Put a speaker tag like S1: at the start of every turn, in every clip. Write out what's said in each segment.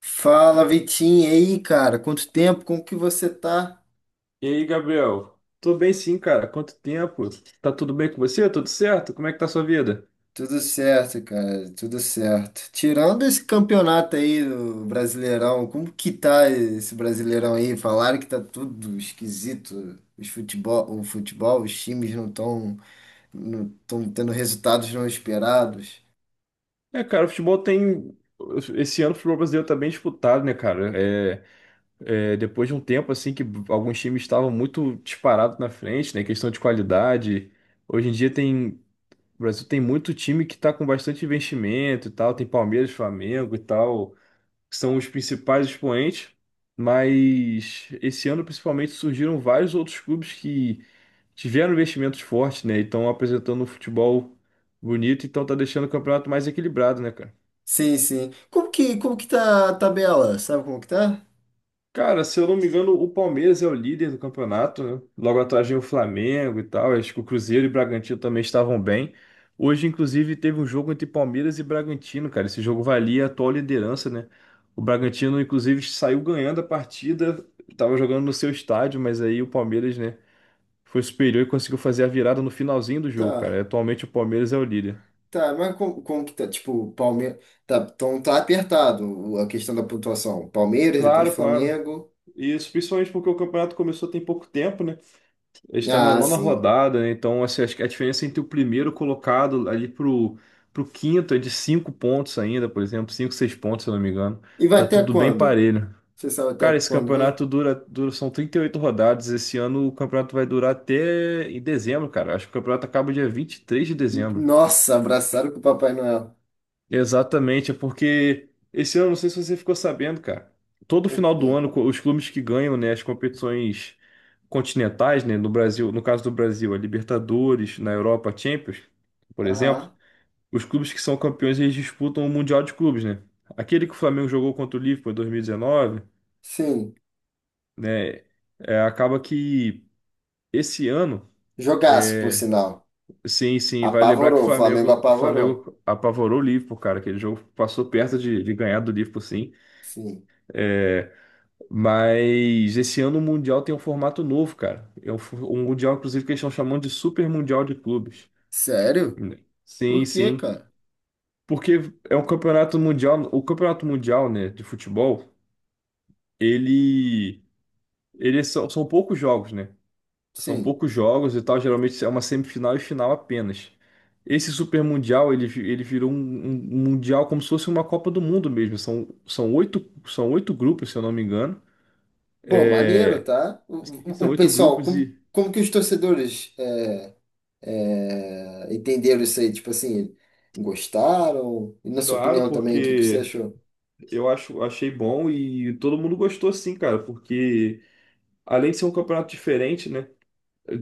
S1: Fala, Vitinho, e aí, cara? Quanto tempo? Como que você tá?
S2: E aí, Gabriel? Tô bem sim, cara. Quanto tempo? Tá tudo bem com você? Tudo certo? Como é que tá a sua vida?
S1: Tudo certo, cara, tudo certo. Tirando esse campeonato aí, o Brasileirão, como que tá esse Brasileirão aí? Falaram que tá tudo esquisito. Os futebol, os times não estão não tão tendo resultados não esperados.
S2: É, cara, o futebol tem. Esse ano o futebol brasileiro tá bem disputado, né, cara? É, depois de um tempo, assim, que alguns times estavam muito disparados na frente, né? Questão de qualidade. Hoje em dia tem. O Brasil tem muito time que tá com bastante investimento e tal. Tem Palmeiras, Flamengo e tal, que são os principais expoentes. Mas esse ano, principalmente, surgiram vários outros clubes que tiveram investimentos fortes, né? E estão apresentando um futebol bonito, então tá deixando o campeonato mais equilibrado, né, cara?
S1: Sim, sim. Como que tá a tabela? Sabe como que tá?
S2: Cara, se eu não me engano, o Palmeiras é o líder do campeonato, né? Logo atrás vem o Flamengo e tal. Acho que o Cruzeiro e o Bragantino também estavam bem. Hoje, inclusive, teve um jogo entre Palmeiras e Bragantino, cara. Esse jogo valia a atual liderança, né? O Bragantino, inclusive, saiu ganhando a partida, tava jogando no seu estádio, mas aí o Palmeiras, né, foi superior e conseguiu fazer a virada no finalzinho do jogo,
S1: Tá.
S2: cara. Atualmente o Palmeiras é o líder.
S1: Tá, mas como, como que tá? Tipo, Palmeiras. Tá, então tá apertado a questão da pontuação. Palmeiras, depois
S2: Claro, claro.
S1: Flamengo.
S2: Isso, principalmente porque o campeonato começou tem pouco tempo, né? A gente tá na
S1: Ah,
S2: nona
S1: sim.
S2: rodada, né? Então, assim, acho que a diferença entre o primeiro colocado ali pro quinto é de cinco pontos ainda, por exemplo, cinco, seis pontos, se eu não me engano.
S1: E vai
S2: Tá
S1: até
S2: tudo bem
S1: quando?
S2: parelho.
S1: Você sabe até
S2: Cara, esse
S1: quando vai?
S2: campeonato dura, são 38 rodadas. Esse ano o campeonato vai durar até em dezembro, cara. Acho que o campeonato acaba dia 23 de dezembro.
S1: Nossa, abraçaram com o Papai Noel.
S2: Exatamente, é porque esse ano, não sei se você ficou sabendo, cara, todo
S1: O
S2: final
S1: quê?
S2: do ano os clubes que ganham, né, as competições continentais, né, no Brasil, no caso do Brasil, a Libertadores, na Europa, a Champions, por exemplo,
S1: Aham.
S2: os clubes que são campeões, eles disputam o Mundial de Clubes, né? Aquele que o Flamengo jogou contra o Liverpool em 2019,
S1: Sim.
S2: né, acaba que esse ano,
S1: Jogaço, por
S2: é,
S1: sinal.
S2: sim, sim, vai lembrar que o
S1: Apavorou. O Flamengo
S2: Flamengo, o
S1: apavorou.
S2: Flamengo apavorou o Liverpool, cara, aquele jogo passou perto de ganhar do Liverpool, sim.
S1: Sim.
S2: É, mas esse ano o Mundial tem um formato novo, cara. É um Mundial, inclusive, que eles estão chamando de Super Mundial de Clubes.
S1: Sério?
S2: Sim,
S1: Por quê,
S2: sim.
S1: cara?
S2: Porque é um campeonato mundial. O campeonato mundial, né, de futebol, ele, ele são poucos jogos, né? São
S1: Sim.
S2: poucos jogos e tal. Geralmente é uma semifinal e final apenas. Esse Super Mundial, ele, ele virou um mundial como se fosse uma Copa do Mundo mesmo. São oito grupos, se eu não me engano.
S1: Pô, maneiro,
S2: É,
S1: tá?
S2: Sim, são
S1: O
S2: oito
S1: pessoal,
S2: grupos
S1: como,
S2: e,
S1: como que os torcedores. É, entenderam isso aí, tipo assim, gostaram? E na sua
S2: claro,
S1: opinião também, o que que você
S2: porque
S1: achou?
S2: achei bom e todo mundo gostou sim, cara, porque além de ser um campeonato diferente, né?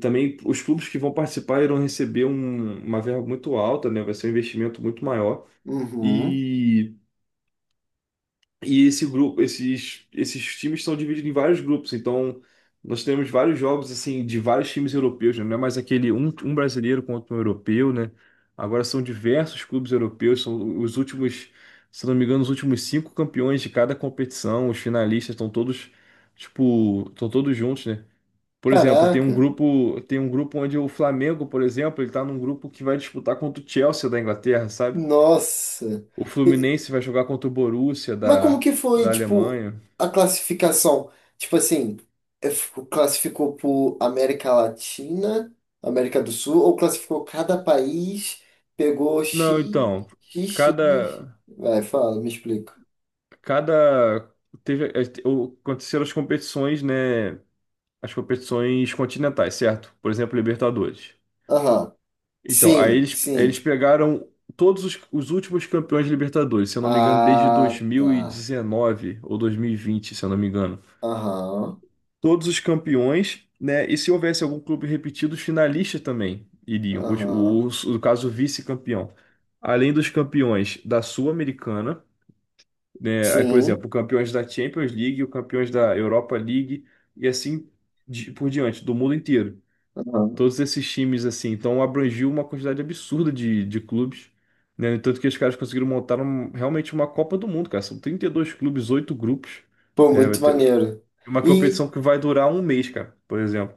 S2: Também os clubes que vão participar irão receber uma verba muito alta, né? Vai ser um investimento muito maior.
S1: Uhum.
S2: e E esse grupo, esses times são divididos em vários grupos. Então, nós temos vários jogos assim de vários times europeus, né? Não é mais aquele um brasileiro contra um europeu, né? Agora são diversos clubes europeus, são os últimos, se não me engano, os últimos cinco campeões de cada competição, os finalistas estão todos, tipo, estão todos juntos, né? Por exemplo,
S1: Caraca,
S2: tem um grupo onde o Flamengo, por exemplo, ele tá num grupo que vai disputar contra o Chelsea da Inglaterra, sabe?
S1: nossa.
S2: O
S1: E-
S2: Fluminense vai jogar contra o Borussia
S1: mas como que foi,
S2: da
S1: tipo,
S2: Alemanha.
S1: a classificação? Tipo assim, é, classificou por América Latina, América do Sul, ou classificou cada país, pegou
S2: Não,
S1: X,
S2: então,
S1: X, X.
S2: cada,
S1: Vai, fala, me explica.
S2: cada teve aconteceram as competições, né? As competições continentais, certo? Por exemplo, Libertadores.
S1: Aham.
S2: Então, aí
S1: Sim,
S2: eles
S1: sim.
S2: pegaram todos os últimos campeões de Libertadores, se eu não me engano, desde
S1: Ah, tá.
S2: 2019 ou 2020, se eu não me engano.
S1: Aham.
S2: Todos os campeões, né? E se houvesse algum clube repetido, os finalistas também iriam.
S1: Aham.
S2: No caso, o vice-campeão. Além dos campeões da Sul-Americana, né? Aí, por
S1: Sim.
S2: exemplo, o campeões da Champions League, o campeões da Europa League e assim por diante, do mundo inteiro.
S1: Aham.
S2: Todos esses times, assim, então abrangiu uma quantidade absurda de clubes, né? No Tanto que os caras conseguiram montar realmente uma Copa do Mundo, cara. São 32 clubes, oito grupos.
S1: Pô,
S2: É, vai
S1: muito
S2: ter
S1: maneiro.
S2: uma
S1: E,
S2: competição que vai durar um mês, cara, por exemplo.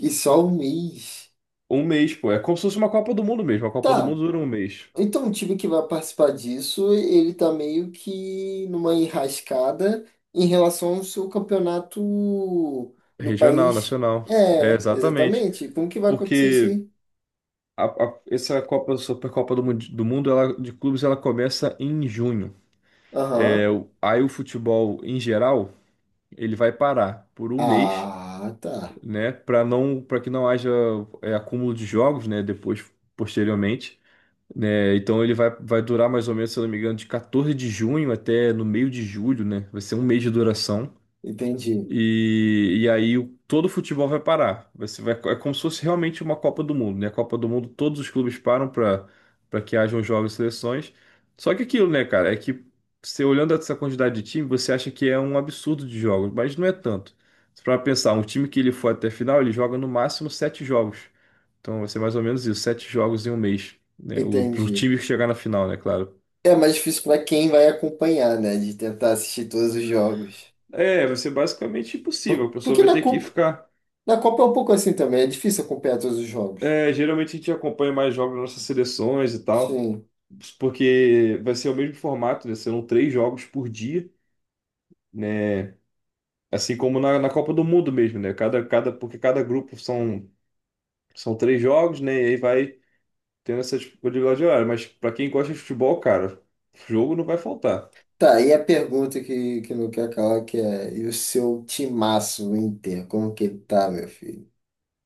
S1: e só um mês.
S2: Um mês, pô. É como se fosse uma Copa do Mundo mesmo. A Copa do
S1: Tá.
S2: Mundo dura um mês.
S1: Então o time que vai participar disso, ele tá meio que numa enrascada em relação ao seu campeonato no
S2: Regional,
S1: país.
S2: nacional. É,
S1: É,
S2: exatamente.
S1: exatamente. Como que vai acontecer isso
S2: Porque
S1: aí?
S2: essa Copa, do Mundo, ela, de clubes, ela começa em junho. É,
S1: Aham.
S2: aí o futebol, em geral, ele vai parar por um mês,
S1: Ah, tá.
S2: né, para não, para que não haja acúmulo de jogos, né, depois, posteriormente. Né? Então ele vai durar mais ou menos, se eu não me engano, de 14 de junho até no meio de julho, né? Vai ser um mês de duração.
S1: Entendi.
S2: E, aí todo o futebol vai parar. É como se fosse realmente uma Copa do Mundo, né? A Copa do Mundo, todos os clubes param para que hajam jogos e seleções. Só que aquilo, né, cara, é que você olhando essa quantidade de time, você acha que é um absurdo de jogos, mas não é tanto. Para pensar, um time que ele for até a final, ele joga no máximo sete jogos. Então vai ser mais ou menos isso, sete jogos em um mês, né? Para o pro
S1: Entendi.
S2: time chegar na final, né, claro.
S1: É mais difícil para quem vai acompanhar, né? De tentar assistir todos os jogos.
S2: É, vai ser basicamente impossível. A pessoa
S1: Porque
S2: vai
S1: na
S2: ter que
S1: Copa,
S2: ficar.
S1: na Copa é um pouco assim também, é difícil acompanhar todos os jogos.
S2: É, geralmente a gente acompanha mais jogos das nossas seleções e tal,
S1: Sim.
S2: porque vai ser o mesmo formato, né? Serão três jogos por dia, né? Assim como na Copa do Mundo mesmo, né? Porque cada grupo são três jogos, né? E aí vai tendo essa disponibilidade de horário. Mas para quem gosta de futebol, cara, jogo não vai faltar.
S1: Tá, e a pergunta que não quer calar, que é, e o seu timaço, o Inter, como que ele tá, meu filho?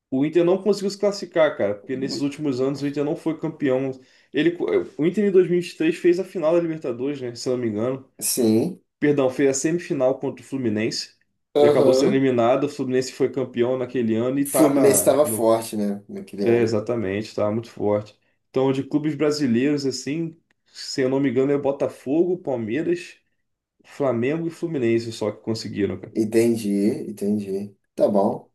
S2: O Inter não conseguiu se classificar, cara, porque nesses últimos anos o Inter não foi campeão. Ele, o Inter em 2023 fez a final da Libertadores, né? Se eu não me engano.
S1: Sim,
S2: Perdão, foi a semifinal contra o Fluminense e acabou sendo
S1: aham.
S2: eliminado. O Fluminense foi campeão naquele ano
S1: O
S2: e tá
S1: Fluminense
S2: na,
S1: estava
S2: no,
S1: forte, né, naquele
S2: é,
S1: ano.
S2: exatamente, tá muito forte. Então, de clubes brasileiros, assim, se eu não me engano, é Botafogo, Palmeiras, Flamengo e Fluminense só que conseguiram, cara.
S1: Entendi, entendi. Tá bom.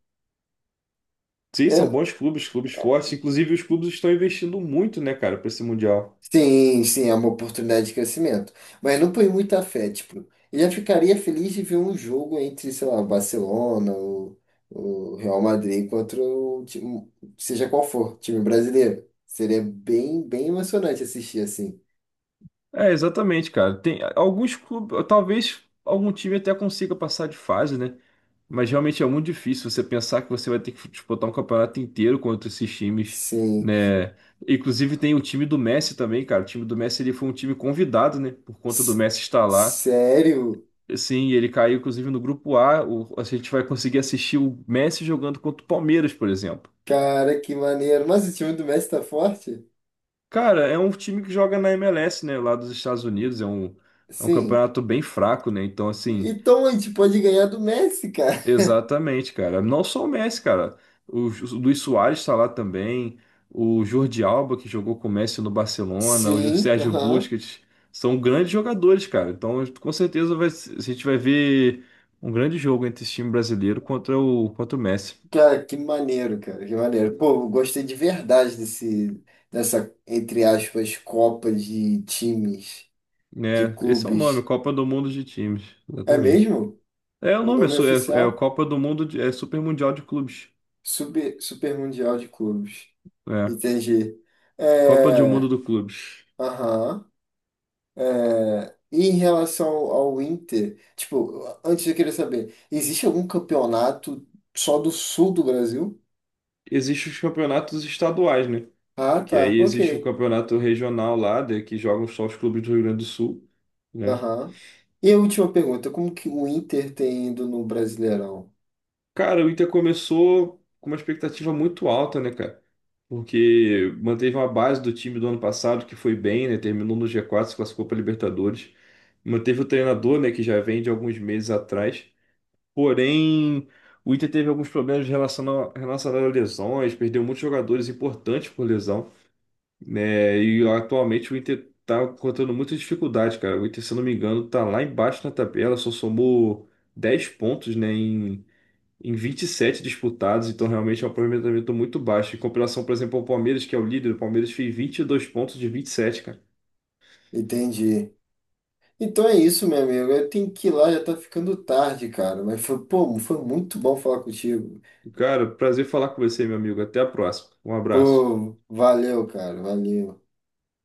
S2: Sim, são
S1: Eu
S2: bons clubes, clubes fortes. Inclusive, os clubes estão investindo muito, né, cara, para esse Mundial.
S1: sim, sim, é uma oportunidade de crescimento. Mas não põe muita fé, tipo, eu já ficaria feliz de ver um jogo entre, sei lá, Barcelona ou o Real Madrid contra o time, seja qual for, time brasileiro. Seria bem, bem emocionante assistir assim.
S2: É, exatamente, cara. Tem alguns clubes, talvez algum time até consiga passar de fase, né? Mas realmente é muito difícil você pensar que você vai ter que disputar um campeonato inteiro contra esses times,
S1: Sim.
S2: né? Inclusive tem o time do Messi também, cara. O time do Messi ele foi um time convidado, né? Por conta do
S1: S-
S2: Messi estar lá.
S1: Sério?
S2: Sim, ele caiu inclusive no grupo A. A gente vai conseguir assistir o Messi jogando contra o Palmeiras, por exemplo.
S1: Cara, que maneiro. Mas o time do Messi tá forte?
S2: Cara, é um time que joga na MLS, né? Lá dos Estados Unidos. É um
S1: Sim.
S2: campeonato bem fraco, né? Então, assim.
S1: Então a gente pode ganhar do Messi, cara.
S2: Exatamente, cara. Não só o Messi, cara. O Luis Soares está lá também. O Jordi Alba, que jogou com o Messi no Barcelona.
S1: Sim,
S2: Sérgio
S1: aham.
S2: Busquets. São grandes jogadores, cara. Então, com certeza, vai, se- a gente vai ver um grande jogo entre esse time brasileiro contra contra o Messi.
S1: Cara, que maneiro, cara, que maneiro. Pô, eu gostei de verdade desse, dessa, entre aspas, Copa de times, de
S2: Né? Esse é o nome,
S1: clubes.
S2: Copa do Mundo de Times.
S1: É
S2: Exatamente.
S1: mesmo?
S2: É o
S1: O
S2: nome,
S1: nome
S2: é,
S1: oficial?
S2: Copa do Mundo, é Super Mundial de Clubes.
S1: Super, Super Mundial de Clubes.
S2: É,
S1: Entendi.
S2: Copa do
S1: É,
S2: Mundo do Clubes.
S1: aham. É, e em relação ao Inter, tipo, antes eu queria saber, existe algum campeonato só do sul do Brasil?
S2: Existem os campeonatos estaduais, né?
S1: Ah,
S2: Que
S1: tá,
S2: aí
S1: ok.
S2: existe o campeonato regional lá, que jogam só os clubes do Rio Grande do Sul, né?
S1: Aham. E a última pergunta, como que o Inter tem indo no Brasileirão?
S2: Cara, o Inter começou com uma expectativa muito alta, né, cara? Porque manteve uma base do time do ano passado, que foi bem, né? Terminou no G4, se classificou para Libertadores. Manteve o treinador, né, que já vem de alguns meses atrás. Porém, o Inter teve alguns problemas relacionados a lesões, perdeu muitos jogadores importantes por lesão. Né? E atualmente o Inter tá encontrando muita dificuldade, cara. O Inter, se eu não me engano, tá lá embaixo na tabela, só somou 10 pontos, né, em 27 disputados, então realmente é um aproveitamento muito baixo. Em comparação, por exemplo, ao Palmeiras, que é o líder, o Palmeiras fez 22 pontos de 27, cara.
S1: Entendi. Então é isso, meu amigo. Eu tenho que ir lá, já tá ficando tarde, cara. Mas foi, pô, foi muito bom falar contigo.
S2: Cara, prazer falar com você, meu amigo. Até a próxima. Um abraço.
S1: Pô, valeu, cara. Valeu.